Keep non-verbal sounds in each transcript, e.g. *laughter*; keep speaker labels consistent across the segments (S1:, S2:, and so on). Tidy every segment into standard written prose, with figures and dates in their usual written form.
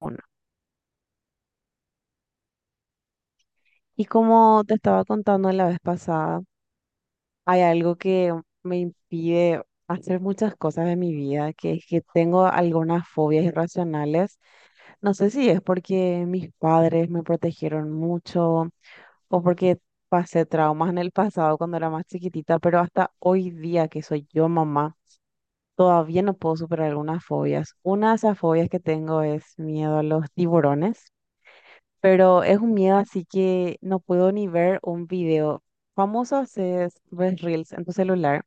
S1: Bueno, y como te estaba contando la vez pasada, hay algo que me impide hacer muchas cosas de mi vida, que es que tengo algunas fobias irracionales. No sé si es porque mis padres me protegieron mucho o porque pasé traumas en el pasado cuando era más chiquitita, pero hasta hoy día que soy yo mamá, todavía no puedo superar algunas fobias. Una de esas fobias que tengo es miedo a los tiburones, pero es un miedo así que no puedo ni ver un video. Famoso es, ves Reels en tu celular,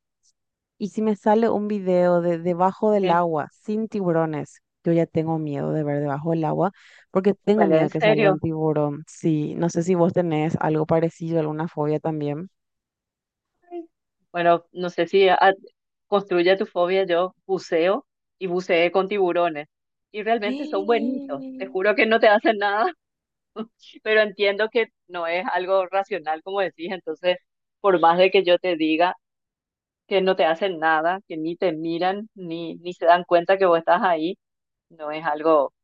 S1: y si me sale un video de debajo del
S2: Eh,
S1: agua sin tiburones, yo ya tengo miedo de ver debajo del agua porque tengo
S2: Vale,
S1: miedo
S2: en
S1: que salga
S2: serio.
S1: un tiburón. Sí, no sé si vos tenés algo parecido, alguna fobia también. *gasps*
S2: Ay. Bueno, no sé si a- construye tu fobia. Yo buceo y buceé con tiburones. Y realmente son buenitos. Te
S1: Sí,
S2: juro que no te hacen nada, *laughs* pero entiendo que no es algo racional, como decís. Entonces, por más de que yo te diga que no te hacen nada, que ni te miran, ni se dan cuenta que vos estás ahí, no es algo,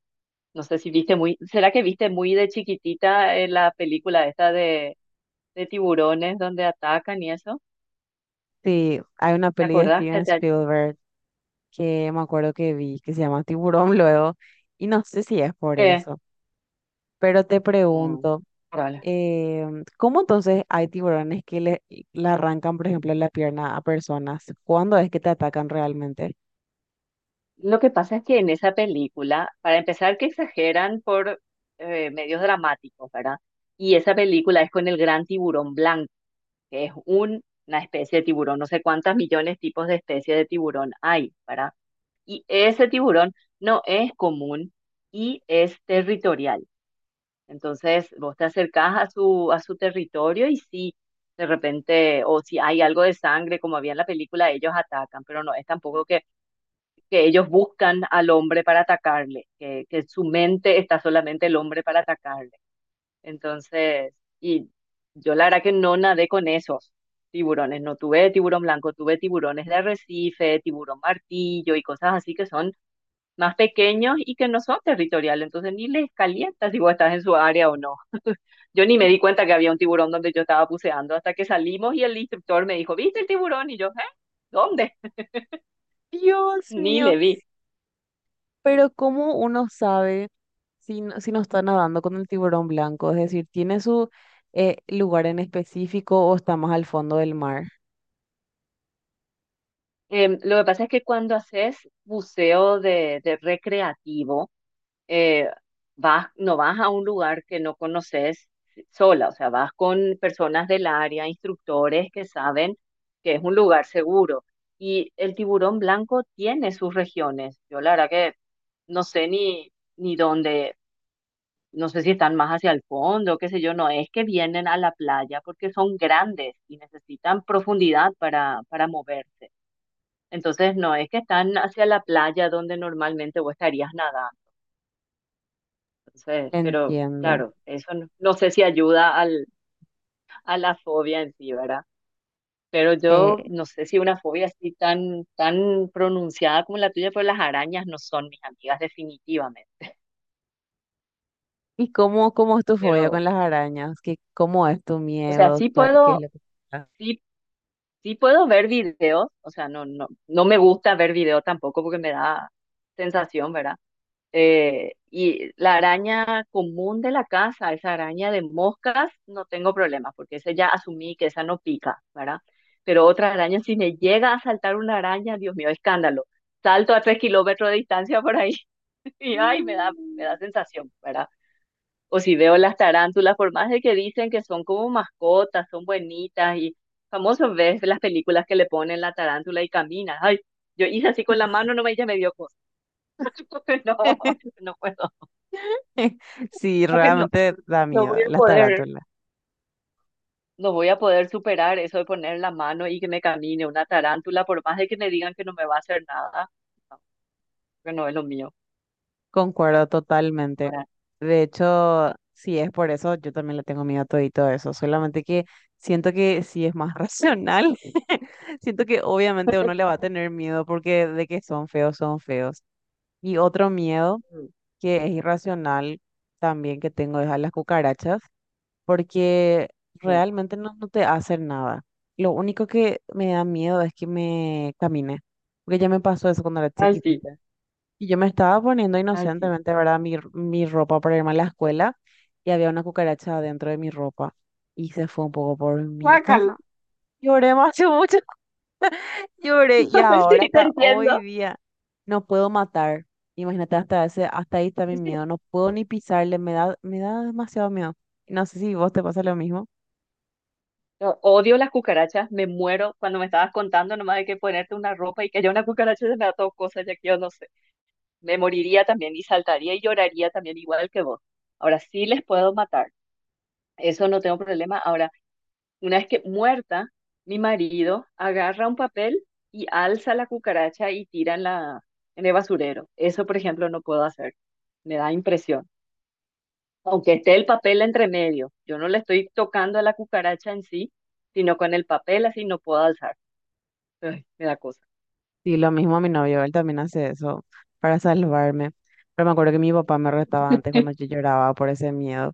S2: no sé si viste muy, ¿será que viste muy de chiquitita la película esta de tiburones donde atacan y eso?
S1: sí, hay una
S2: ¿Te
S1: peli de
S2: acordás
S1: Steven Spielberg que me acuerdo que vi, que se llama Tiburón, luego, y no sé si es por
S2: que-
S1: eso, pero te
S2: mm,
S1: pregunto.
S2: dale?
S1: Eh, ¿Cómo entonces hay tiburones que le arrancan, por ejemplo, la pierna a personas? ¿Cuándo es que te atacan realmente?
S2: Lo que pasa es que en esa película, para empezar, que exageran por medios dramáticos, ¿verdad? Y esa película es con el gran tiburón blanco, que es una especie de tiburón, no sé cuántas millones tipos de especies de tiburón hay, ¿verdad? Y ese tiburón no es común y es territorial. Entonces, vos te acercás a su territorio y sí, de repente, o si hay algo de sangre, como había en la película, ellos atacan, pero no es tampoco que ellos buscan al hombre para atacarle, que en su mente está solamente el hombre para atacarle. Entonces, y yo la verdad que no nadé con esos tiburones, no tuve tiburón blanco, tuve tiburones de arrecife, tiburón martillo y cosas así que son más pequeños y que no son territoriales, entonces ni les calienta si vos estás en su área o no. Yo ni me di cuenta que había un tiburón donde yo estaba buceando hasta que salimos y el instructor me dijo, ¿viste el tiburón? Y yo, ¿eh? ¿Dónde? *laughs*
S1: Dios
S2: Ni
S1: mío,
S2: le vi.
S1: pero ¿cómo uno sabe si, si no está nadando con el tiburón blanco? Es decir, ¿tiene su lugar en específico o está más al fondo del mar?
S2: Lo que pasa es que cuando haces buceo de recreativo, eh, vas, no vas a un lugar que no conoces sola, o sea, vas con personas del área, instructores que saben que es un lugar seguro. Y el tiburón blanco tiene sus regiones. Yo la verdad que no sé ni dónde, no sé si están más hacia el fondo, qué sé yo, no es que vienen a la playa porque son grandes y necesitan profundidad para moverse. Entonces, no es que están hacia la playa donde normalmente vos estarías nadando. Entonces, pero
S1: Entiendo.
S2: claro, eso no, no sé si ayuda al, a la fobia en sí, ¿verdad? Pero
S1: Eh,
S2: yo no sé si una fobia así tan pronunciada como la tuya, pero las arañas no son mis amigas definitivamente.
S1: ¿Y cómo es tu fobia con
S2: Pero,
S1: las arañas? ¿Qué, cómo es tu
S2: o sea,
S1: miedo?
S2: sí
S1: Qué es
S2: puedo,
S1: lo que...?
S2: sí sí puedo ver videos, o sea, no me gusta ver videos tampoco porque me da sensación, ¿verdad? Y la araña común de la casa, esa araña de moscas, no tengo problema porque esa ya asumí que esa no pica, ¿verdad? Pero otra araña, si me llega a saltar una araña, Dios mío, escándalo. Salto a tres kilómetros de distancia por ahí *laughs* y ay, me
S1: Mm.
S2: da, me da sensación, ¿verdad? O si veo las tarántulas, por más de que dicen que son como mascotas, son buenitas y famoso ves las películas que le ponen la tarántula y camina. Ay, yo hice así con la mano, no me, ella me dio cosa. *laughs* No,
S1: *laughs*
S2: no puedo,
S1: Sí,
S2: creo que no,
S1: realmente da
S2: no voy
S1: miedo,
S2: a
S1: las
S2: poder,
S1: tarántulas.
S2: no voy a poder superar eso de poner la mano y que me camine una tarántula, por más de que me digan que no me va a hacer nada. No, que no es lo mío.
S1: Concuerdo totalmente.
S2: Ahora,
S1: De hecho, si es por eso, yo también le tengo miedo a todo y todo eso. Solamente que siento que sí es más *laughs* racional. *laughs* Siento que obviamente uno le va
S2: *laughs*
S1: a tener miedo porque de que son feos, son feos. Y otro miedo que es irracional también que tengo es a las cucarachas, porque
S2: no.
S1: realmente no, no te hacen nada. Lo único que me da miedo es que me camine, porque ya me pasó eso cuando era
S2: Ay, sí,
S1: chiquitita. Y yo me estaba poniendo
S2: ay, sí.
S1: inocentemente, ¿verdad? Mi ropa para irme a la escuela, y había una cucaracha dentro de mi ropa y se fue un poco por mi casa.
S2: Guácala.
S1: Lloré más, que mucho, *laughs* lloré, y
S2: *laughs*
S1: ahora
S2: Sí, te
S1: hasta hoy
S2: entiendo.
S1: día no puedo matar. Imagínate, hasta ese, hasta ahí está mi
S2: Sí,
S1: miedo. No puedo ni pisarle, me da demasiado miedo. No sé si vos te pasa lo mismo.
S2: yo odio las cucarachas, me muero cuando me estabas contando nomás de que ponerte una ropa y que haya una cucaracha se me da todo cosa, ya que yo no sé. Me moriría también y saltaría y lloraría también igual que vos. Ahora sí les puedo matar, eso no tengo problema. Ahora, una vez que muerta, mi marido agarra un papel y alza la cucaracha y tira en la, en el basurero. Eso, por ejemplo, no puedo hacer, me da impresión. Aunque esté el papel entre medio, yo no le estoy tocando a la cucaracha en sí, sino con el papel así no puedo alzar. Ay, me da cosa.
S1: Sí, lo mismo a mi novio, él también hace eso para salvarme. Pero me acuerdo que mi papá me retaba antes cuando yo lloraba por ese miedo.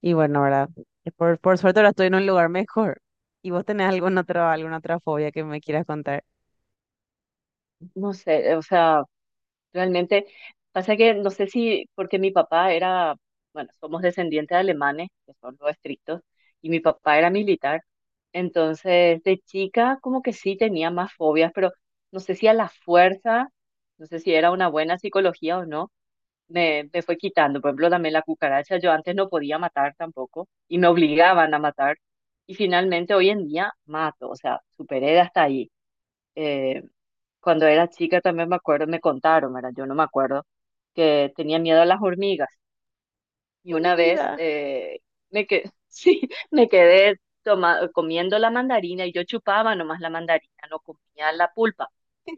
S1: Y bueno, ¿verdad? Por suerte ahora estoy en un lugar mejor. ¿Y vos tenés alguna otra fobia que me quieras contar?
S2: No sé, o sea, realmente pasa que no sé si porque mi papá era, bueno, somos descendientes de alemanes, que son los estrictos, y mi papá era militar. Entonces, de chica como que sí tenía más fobias, pero no sé si a la fuerza, no sé si era una buena psicología o no, me fue quitando. Por ejemplo, también la cucaracha, yo antes no podía matar tampoco y me obligaban a matar. Y finalmente hoy en día mato, o sea, superé hasta ahí. Eh, Cuando era chica también me acuerdo, me contaron, ¿verdad? Yo no me acuerdo, que tenía miedo a las hormigas. Y
S1: Mi
S2: una vez
S1: vida.
S2: *laughs* sí, me quedé comiendo la mandarina y yo chupaba nomás la mandarina, no comía la pulpa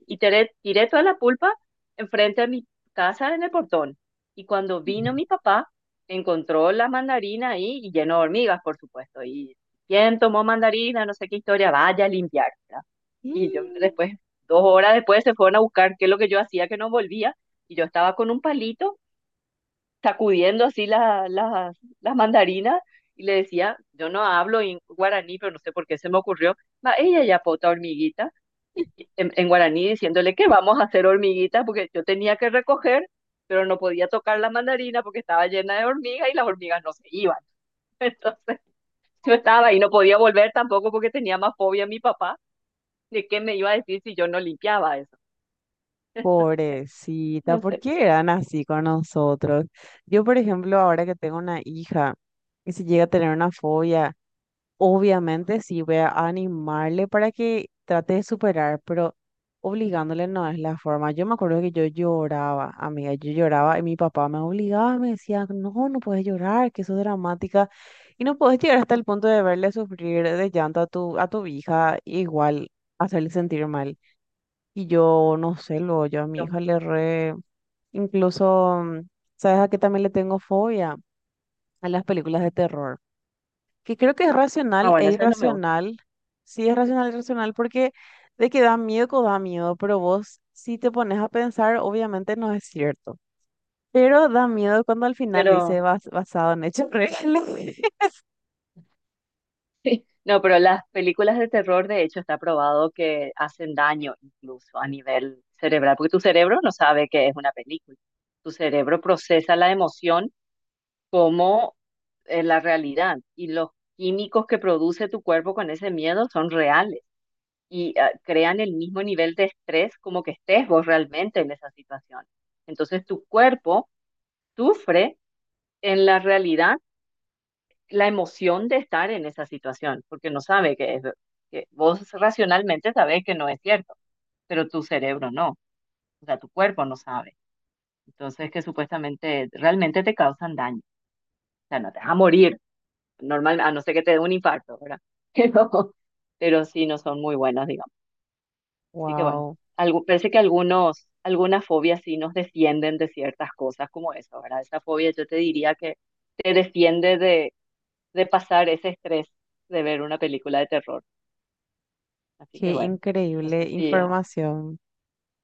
S2: y tiré toda la pulpa enfrente de mi casa en el portón. Y cuando vino mi
S1: *laughs*
S2: papá, encontró la mandarina ahí y lleno de hormigas, por supuesto. Y quién tomó mandarina, no sé qué historia, vaya a limpiar, ¿verdad? Y yo
S1: Y,
S2: después, dos horas después, se fueron a buscar qué es lo que yo hacía, que no volvía. Y yo estaba con un palito sacudiendo así las mandarinas y le decía, yo no hablo en guaraní, pero no sé por qué se me ocurrió, ma ella ya pota hormiguita, y en guaraní diciéndole que vamos a hacer hormiguitas porque yo tenía que recoger, pero no podía tocar la mandarina porque estaba llena de hormigas y las hormigas no se iban. *laughs* Entonces yo estaba y no podía volver tampoco porque tenía más fobia a mi papá de qué me iba a decir si yo no limpiaba eso. *laughs* Entonces,
S1: Pobrecita,
S2: no
S1: ¿por
S2: sé.
S1: qué eran así con nosotros? Yo, por ejemplo, ahora que tengo una hija, y si llega a tener una fobia, obviamente sí voy a animarle para que trate de superar, pero obligándole no es la forma. Yo me acuerdo que yo lloraba, amiga, yo lloraba y mi papá me obligaba, me decía, no, no puedes llorar, que eso es dramática. Y no puedes llegar hasta el punto de verle sufrir de llanto a tu hija, igual hacerle sentir mal. Y yo, no sé, luego yo a mi
S2: No.
S1: hija le re. Incluso, ¿sabes a qué también le tengo fobia? A las películas de terror, que creo que es
S2: Ah,
S1: racional e
S2: bueno, eso no me gusta,
S1: irracional. Sí, es racional e irracional porque de que da miedo, da miedo, pero vos si te pones a pensar, obviamente no es cierto. Pero da miedo cuando al final dice
S2: pero...
S1: basado en hechos reales. *laughs*
S2: *laughs* Sí. No, pero las películas de terror, de hecho, está probado que hacen daño incluso a nivel cerebral, porque tu cerebro no sabe que es una película. Tu cerebro procesa la emoción como la realidad y los químicos que produce tu cuerpo con ese miedo son reales y crean el mismo nivel de estrés como que estés vos realmente en esa situación. Entonces tu cuerpo sufre en la realidad la emoción de estar en esa situación, porque no sabe que es, que vos racionalmente sabés que no es cierto, pero tu cerebro no, o sea, tu cuerpo no sabe. Entonces, que supuestamente realmente te causan daño, o sea, no te vas a morir, normal, a no ser que te dé un infarto, ¿verdad? *laughs* Pero, pero sí no son muy buenas, digamos. Así que bueno,
S1: Wow,
S2: algo, parece que algunos, algunas fobias sí nos defienden de ciertas cosas como eso, ¿verdad? Esa fobia yo te diría que te defiende de pasar ese estrés de ver una película de terror. Así que
S1: qué
S2: bueno, no sé
S1: increíble
S2: si...
S1: información.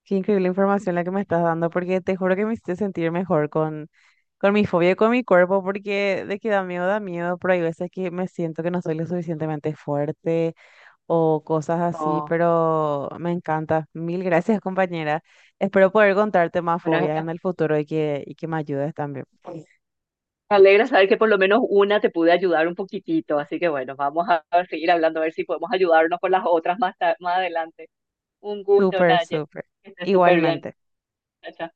S1: Qué increíble información la que me estás dando, porque te juro que me hiciste sentir mejor con mi fobia y con mi cuerpo, porque de que da miedo, pero hay veces que me siento que no soy lo suficientemente fuerte o cosas así,
S2: no-
S1: pero me encanta. Mil gracias, compañera. Espero poder contarte más
S2: bueno,
S1: fobias en el futuro y que me ayudes también.
S2: me alegra saber que por lo menos una te pude ayudar un poquitito. Así que bueno, vamos a *laughs* a seguir hablando, a ver si podemos ayudarnos con las otras más, más adelante. Un gusto,
S1: Súper,
S2: Naye.
S1: súper.
S2: Que estés súper bien.
S1: Igualmente.
S2: Chao, chao.